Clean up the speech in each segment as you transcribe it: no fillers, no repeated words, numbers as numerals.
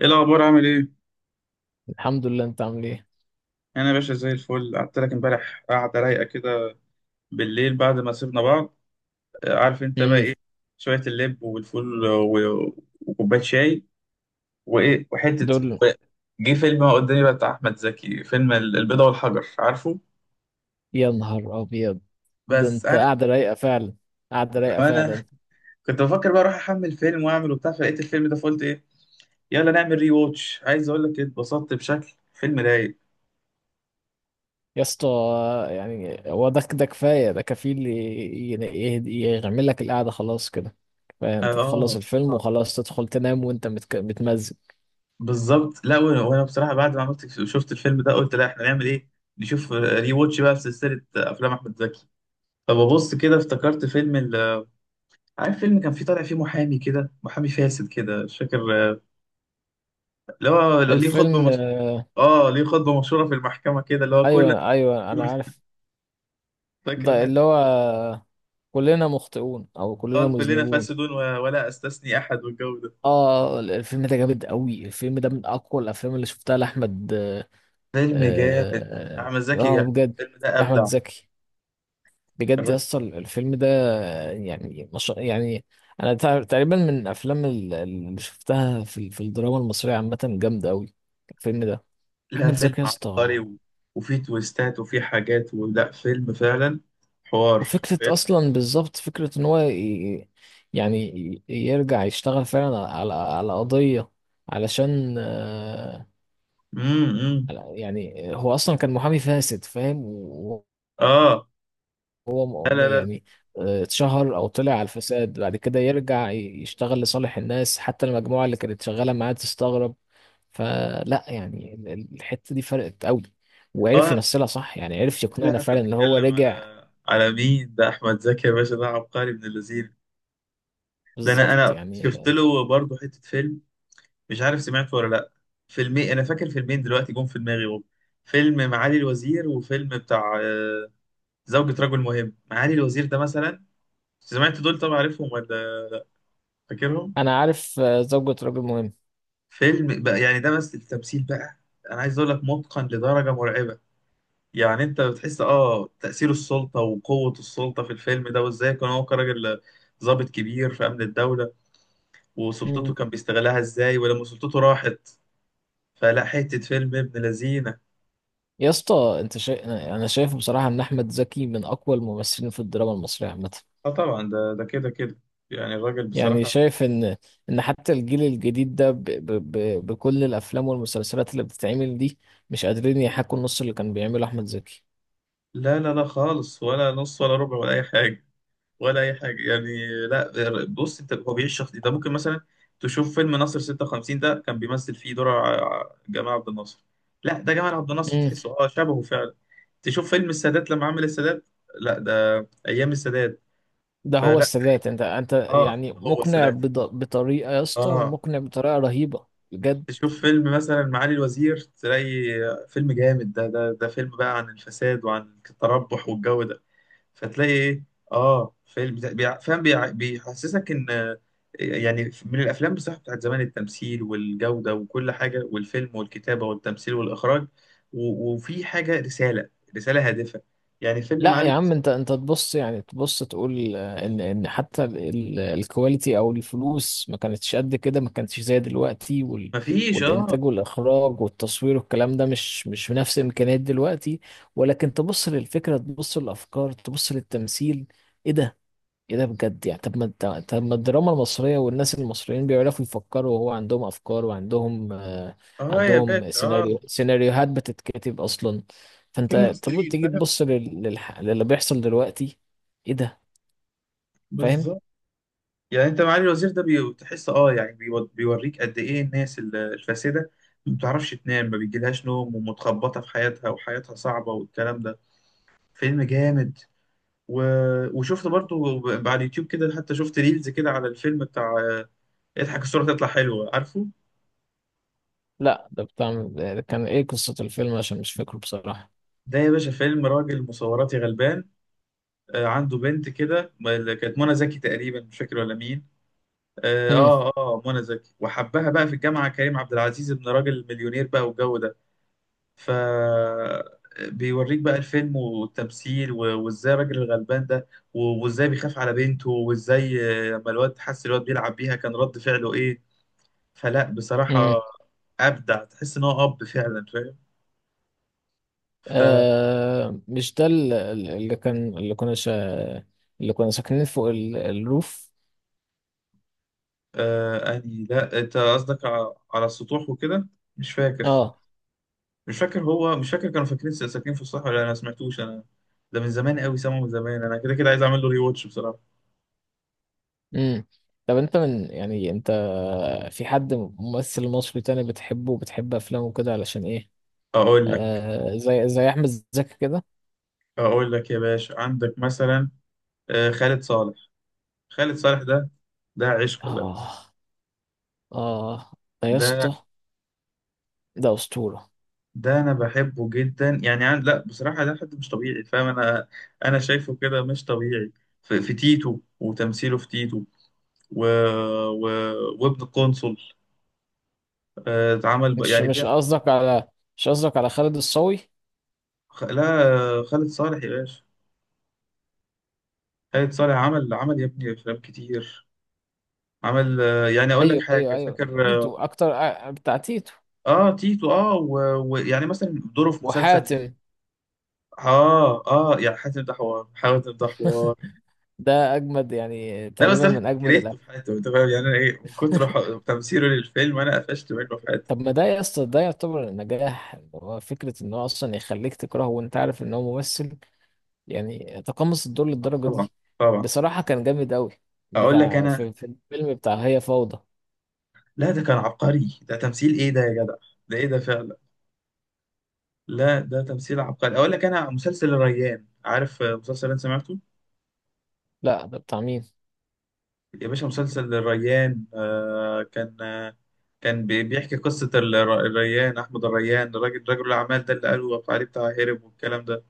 ايه الاخبار؟ عامل ايه؟ الحمد لله، انت عامل ايه؟ انا يا باشا زي الفل، قعدت لك امبارح قعده رايقه كده بالليل بعد ما سيبنا بعض. عارف انت بقى امم ايه؟ شويه اللب والفول وكوبايه شاي وايه وحته دول. و- جه فيلم قدامي بقى بتاع احمد زكي، فيلم البيضه والحجر، عارفه؟ يا نهار ابيض، ده بس انت انا قاعده رايقه فعلا. قاعده رايقه انا فعلا. كنت بفكر بقى اروح احمل فيلم واعمل وبتاع، فلقيت الفيلم ده فقلت ايه، يلا نعمل ري ووتش. عايز اقول لك اتبسطت بشكل، فيلم رايق. يا اسطى، يعني هو ده كفايه، ده كفيل يعمل لك القعده خلاص كده. كفايه اه، انت تخلص اه، الفيلم آه. وخلاص تدخل تنام وانت متمزج بالظبط. لا، وأنا بصراحه بعد ما عملت شفت الفيلم ده قلت، لا احنا نعمل ايه، نشوف ري واتش بقى في سلسله افلام احمد زكي. فببص كده افتكرت فيلم عارف فيلم كان فيه، طالع فيه محامي كده، محامي فاسد كده، مش فاكر. آه، اللي هو ليه خطبه الفيلم. مش... اه ليه خطبه مشهوره في المحكمه، كده اللي هو كلنا ايوه ايوه انا عارف. فاكر ده الحته؟ اللي هو كلنا مخطئون او كلنا اه، كلنا مذنبون. فاسدون ولا استثني احد، والجو ده. اه الفيلم ده جامد قوي، الفيلم ده من اقوى الافلام اللي شفتها لاحمد. فيلم جامد. اه احمد زكي آه، جامد، بجد. الفيلم ده احمد ابدع. زكي، بجد يا اسطى الفيلم ده. يعني مش يعني، انا تقريبا من الافلام اللي شفتها في الدراما المصريه عامه جامده قوي الفيلم ده. لا، احمد فيلم زكي يا اسطى. عبقري وفي تويستات وفي حاجات، ولا فيلم فعلا. حوار. وفكره فيلم. اصلا بالظبط، فكره ان هو يعني يرجع يشتغل فعلا على قضيه، علشان آه، امم. يعني هو اصلا كان محامي فاسد فاهم. اه. هو لا، م- لا، لا. يعني آه، اتشهر او طلع على الفساد، بعد كده يرجع يشتغل لصالح الناس حتى المجموعه اللي كانت شغاله معاه تستغرب. فلا يعني الحته دي فرقت قوي، وعرف اه. يمثلها صح، يعني عرف لا لا، يقنعنا انت فعلا ان هو بتتكلم على، رجع. على مين؟ ده احمد زكي يا باشا، ده عبقري ابن اللذين. ده انا بالظبط انا يعني شفت آه، له برضه حته فيلم، مش عارف سمعته ولا لا. فيلمين انا فاكر، فيلمين دلوقتي جم في دماغي اهو. فيلم معالي الوزير وفيلم بتاع زوجة رجل مهم. معالي الوزير ده مثلا، سمعت دول طبعا، عارفهم ولا فاكرهم؟ انا عارف آه، زوجة رجل مهم. فيلم بقى يعني، ده بس التمثيل بقى، انا عايز اقول لك، متقن لدرجه مرعبه. يعني انت بتحس تاثير السلطه وقوه السلطه في الفيلم ده، وازاي كان هو كراجل ضابط كبير في امن الدوله، وسلطته مم. كان بيستغلها ازاي، ولما سلطته راحت. فلا حته فيلم ابن لذينه. يا اسطى، انت شا... انا أنا شايف بصراحه ان احمد زكي من اقوى الممثلين في الدراما المصريه عامه. اه طبعا، ده كده كده يعني الراجل يعني بصراحه. شايف ان ان حتى الجيل الجديد ده ب ب ب بكل الافلام والمسلسلات اللي بتتعمل دي مش قادرين يحاكوا النص اللي كان بيعمله احمد زكي. لا لا لا، خالص، ولا نص ولا ربع ولا اي حاجه، ولا اي حاجه يعني. لا بص، انت هو بيعيش شخص ده، ممكن مثلا تشوف فيلم ناصر 56، ده كان بيمثل فيه دور جمال عبد الناصر، لا ده جمال عبد الناصر، امم. تحسه شبهه فعلا. تشوف فيلم السادات لما عمل السادات، لا ده ايام السادات. ده هو فلا، السادات، انت انت اه يعني هو مقنع السادات، بطريقة، يا اسطى اه. مقنع بطريقة رهيبة بجد. تشوف فيلم مثلا معالي الوزير، تلاقي فيلم جامد، ده فيلم بقى عن الفساد وعن التربح والجو ده. فتلاقي ايه؟ اه، فيلم فاهم، بيحسسك ان يعني من الافلام بصراحه بتاعت زمان، التمثيل والجوده وكل حاجه، والفيلم والكتابه والتمثيل والاخراج وفي حاجه رساله، رساله هادفه يعني، الفيلم لا معاه. يا عم، انت انت تبص يعني، تبص تقول آه، ان ان حتى الكواليتي او الفلوس ما كانتش قد كده، ما كانتش زي دلوقتي وال مفيش. اه، والانتاج والاخراج والتصوير والكلام ده مش بنفس امكانيات دلوقتي. ولكن تبص للفكره، تبص للافكار، تبص للتمثيل. ايه ده؟ ايه ده بجد؟ يعني طب ما الدراما المصرية والناس المصريين بيعرفوا يفكروا، وهو عندهم افكار وعندهم آه، اه يا عندهم باشا، اه، سيناريو، سيناريوهات بتتكتب اصلا. في فانت طب ممثلين تيجي فاهم. تبص للي بيحصل دلوقتي. ايه ده؟ فاهم. بالظبط، يعني انت معالي الوزير ده بتحس يعني بيوريك قد ايه الناس الفاسده، ما بتعرفش تنام، ما بيجيلهاش نوم، ومتخبطه في حياتها، وحياتها صعبه، والكلام ده. فيلم جامد. و... وشفت برضو على اليوتيوب كده، حتى شفت ريلز كده على الفيلم بتاع اضحك الصورة تطلع حلوة، عارفه؟ لا ده بتاع، ده كان ايه قصة الفيلم؟ عشان مش فاكره بصراحة. ده يا باشا فيلم راجل مصوراتي غلبان، عنده بنت كده اللي كانت منى زكي تقريبا، مش فاكر ولا مين. امم. منى زكي، وحبها بقى في الجامعة كريم عبد العزيز، ابن راجل مليونير بقى والجو ده. ف بيوريك بقى الفيلم والتمثيل وازاي الراجل الغلبان ده، وازاي بيخاف على بنته، وازاي لما الواد حس الواد بيلعب بيها كان رد فعله ايه. فلا امم. بصراحة أبدع، تحس إن هو أب فعلا، فاهم؟ ف آه، مش ده اللي كان، اللي كنا ساكنين فوق الروف. أني، لا، أنت قصدك على السطوح وكده، مش فاكر. اه. مش فاكر هو، مش فاكر كانوا فاكرين ساكنين في الصحراء ولا لأ، أنا ما سمعتوش أنا. ده من زمان قوي سامعه، من زمان، أنا كده كده عايز أعمل له ري واتش بصراحة. امم. طب انت من، يعني انت في حد ممثل مصري تاني بتحبه وبتحب افلامه كده علشان ايه؟ أقول لك. آه، زي احمد زكي كده. أقول لك يا باشا، عندك مثلا خالد صالح. خالد صالح ده، ده عشق بقى. اه. اه. ده يا ده. اسطى، ده اسطوره. ده انا بحبه جدا يعني لا بصراحه، ده حد مش طبيعي فاهم، انا انا شايفه كده مش طبيعي. في تيتو، وتمثيله في تيتو و... و... وابن القنصل اتعمل مش يعني مش قصدك على مش قصدك على خالد الصاوي؟ لا، خالد صالح يا باشا، خالد صالح عمل يا ابني افلام كتير. عمل يعني اقول لك ايوه حاجه، ايوه، فاكر؟ تيتو اكتر، آه، بتاع تيتو. اه تيتو، اه. ويعني يعني مثلا دوره في مسلسل. وحاتم، اه يعني حاتم، ده حوار، حاتم ده حوار. ده اجمد، يعني لا بس تقريبا انا من اجمد كرهته في حياته، انت فاهم يعني؟ انا ايه، من كتر تمثيله للفيلم انا قفشت منه في حياته. طب ما ده يا اسطى، ده يعتبر النجاح، هو فكره ان هو اصلا يخليك تكرهه وانت عارف ان هو ممثل. يعني تقمص الدور للدرجة طبعا، دي. طبعا. بصراحة كان جامد أوي. اقول لك بتاع انا، في الفيلم بتاع هي فوضى. لا ده كان عبقري، ده تمثيل، ايه ده يا جدع، ده ايه ده فعلا. لا ده تمثيل عبقري. اقول لك انا، مسلسل الريان، عارف مسلسل انت سمعته؟ لا ده بتاع مين؟ يا باشا مسلسل الريان، كان، كان بيحكي قصة الريان، أحمد الريان، الراجل رجل الأعمال ده، اللي قالوا عليه بتاع هرب والكلام ده.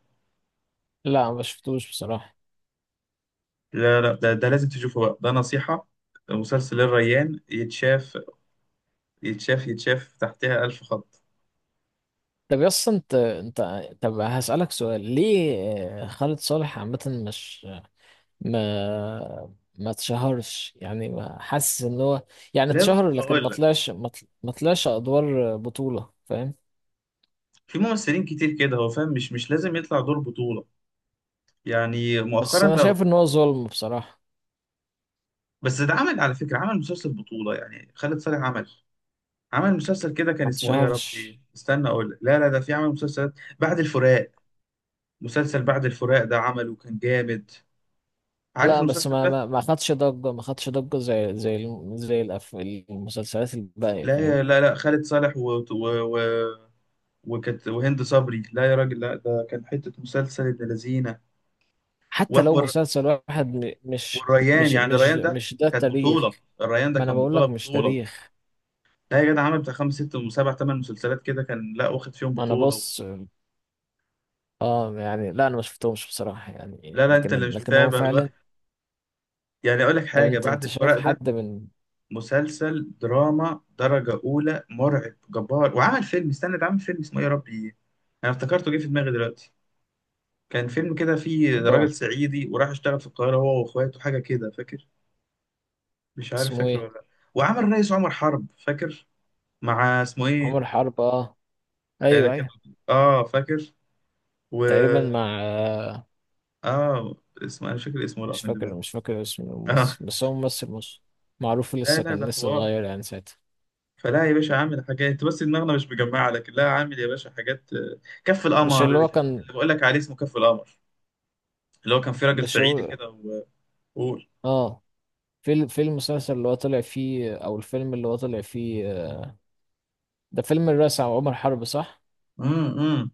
لا ما شفتوش بصراحة. لا لا، ده لازم تشوفه بقى، ده نصيحة. مسلسل الريان يتشاف، يتشاف يتشاف، تحتها ألف خط. طب يا اسطى انت، انت طب هسألك سؤال. ليه آه، خالد صالح عامة مش ما ما اتشهرش؟ يعني ما حاسس ان هو، يعني لا بس اتشهر لكن ما هقول لك، طلعش، ما طلعش ادوار بطولة، فاهم؟ في ممثلين كتير كده هو فاهم، مش لازم يطلع دور بطولة يعني، بس مؤخرا انا بقى. شايف ان هو ظلم بصراحة. بس ده عمل على فكرة، عمل مسلسل بطولة، يعني خالد صالح عمل، عمل مسلسل كده كان ما اسمه ايه يا ربي، اتشهرش. استنى اقول لك، لا لا، ده في عمل مسلسلات. بعد الفراق. مسلسل بعد الفراق ده عمله كان جامد، عارف لا بس المسلسل ما ده؟ ما ما خدش ضجة، ما خدش ضجة زي زي المسلسلات الباقية، فاهم؟ لا لا لا، خالد صالح وكانت، وهند صبري، لا يا راجل، لا ده كان حتة مسلسل ابن لذينة حتى لو وحوار. مسلسل واحد والريان، يعني الريان ده مش ده كانت التاريخ. بطولة، الريان ده ما انا كان بقول بطولة لك مش بطولة. تاريخ. لا يا جدع، عامل بتاع خمس ست وسبع تمن مسلسلات كده، كان لا واخد فيهم انا بطولة. بص، اه يعني لا انا ما شفتهمش بصراحة، يعني لا لا، انت اللي لكن مش هو متابع فعلا. بقى. يعني اقول لك طب حاجة، انت بعد انت شايف الفراق ده حد من مسلسل دراما درجة أولى، مرعب، جبار. وعمل فيلم، استنى ده، عامل فيلم اسمه إيه يا ربي، أنا افتكرته جه في دماغي دلوقتي. كان فيلم كده فيه اللي هو راجل صعيدي وراح اشتغل في القاهرة هو وأخواته، حاجة كده فاكر، مش عارف اسمه فاكر ولا ايه؟ لا. وعمل الرئيس عمر حرب، فاكر، مع اسمه إيه، عمر حرب؟ اه ايوه كان، ايوه. اه فاكر، و تقريبا مع آه، اه اسمه انا مش فاكر، اسمه مش راح من فاكر، دماغي. مش فاكر اسم اه. الممثل، بس هو ممثل مصري معروف، لا لسه لا ده كان لسه حوار. صغير يعني ساعتها. فلا يا باشا، عامل حاجات. انت بس دماغنا مش مجمعه، لكن لا، عامل يا باشا حاجات كف مش القمر، اللي هو كان، اللي بقول لك عليه، اسمه كف القمر، اللي هو كان في راجل مش صعيدي هو؟ كده. وقول. اه، في في المسلسل اللي هو طلع فيه او الفيلم اللي هو طلع فيه آه، ده فيلم الرئيس عمر حرب، صح؟ امم، أمم.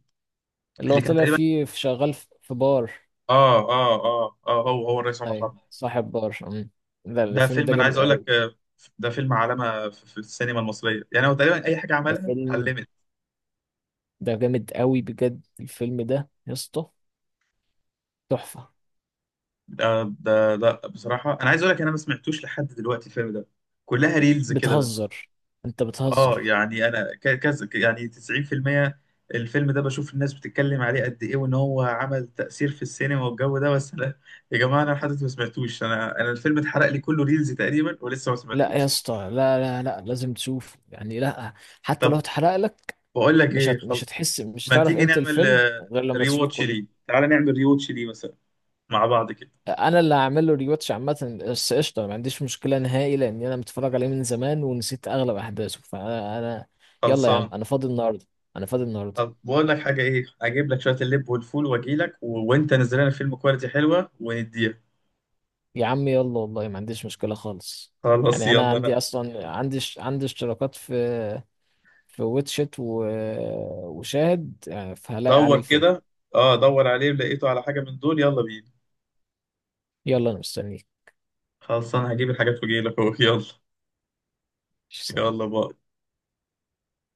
اللي هو اللي كان طلع تقريبا، فيه في، شغال في بار. اه هو الرئيس عمر ايوه، حرب. صاحب بار. أمم. ده ده الفيلم فيلم ده انا عايز جامد اقول لك قوي، ده فيلم علامه في السينما المصريه، يعني هو تقريبا اي حاجه ده عملها فيلم، علمت. ده جامد قوي بجد الفيلم ده يا اسطى، تحفة. ده ده لا بصراحه انا عايز اقول لك، انا ما سمعتوش لحد دلوقتي الفيلم ده، كلها ريلز كده بس. بتهزر، انت اه بتهزر. يعني انا كذا يعني 90%، الفيلم ده بشوف الناس بتتكلم عليه قد ايه، وان هو عمل تأثير في السينما والجو ده، بس لا، يا جماعة انا لحد دلوقتي ما سمعتوش، انا الفيلم اتحرق لي كله ريلز تقريبا، ولسه ما لا يا سمعتوش. اسطى، لا لا لا، لازم تشوف يعني. لا حتى طب لو اتحرق لك، بقول لك ايه، مش خلاص، هتحس، مش ما هتعرف تيجي قيمة نعمل الفيلم غير لما ري تشوفه واتش كله. ليه، تعالى نعمل ري واتش ليه مثلا مع بعض كده. انا اللي هعمل له ريواتش عامه، بس قشطه ما عنديش مشكله نهائي، لان انا متفرج عليه من زمان ونسيت اغلب احداثه، انا. يلا يا عم، خلصان. انا فاضي النهارده. انا فاضي النهارده. طب بقول لك حاجة، ايه اجيب لك شوية اللب والفول، واجي لك وانت نزل لنا فيلم كواليتي حلوة ونديها. يا عم يلا، والله ما عنديش مشكله خالص. خلاص يعني انا يلا انا. عندي اصلا عندي عندي اشتراكات في في واتشت وشاهد يعني، فهلاقي عليه دور الفيلم. كده، اه دور عليه، لقيته على حاجة من دول يلا بينا. يلا انا مستنيك. خلصان، هجيب الحاجات واجيلك اهو يلا. يلا بقى.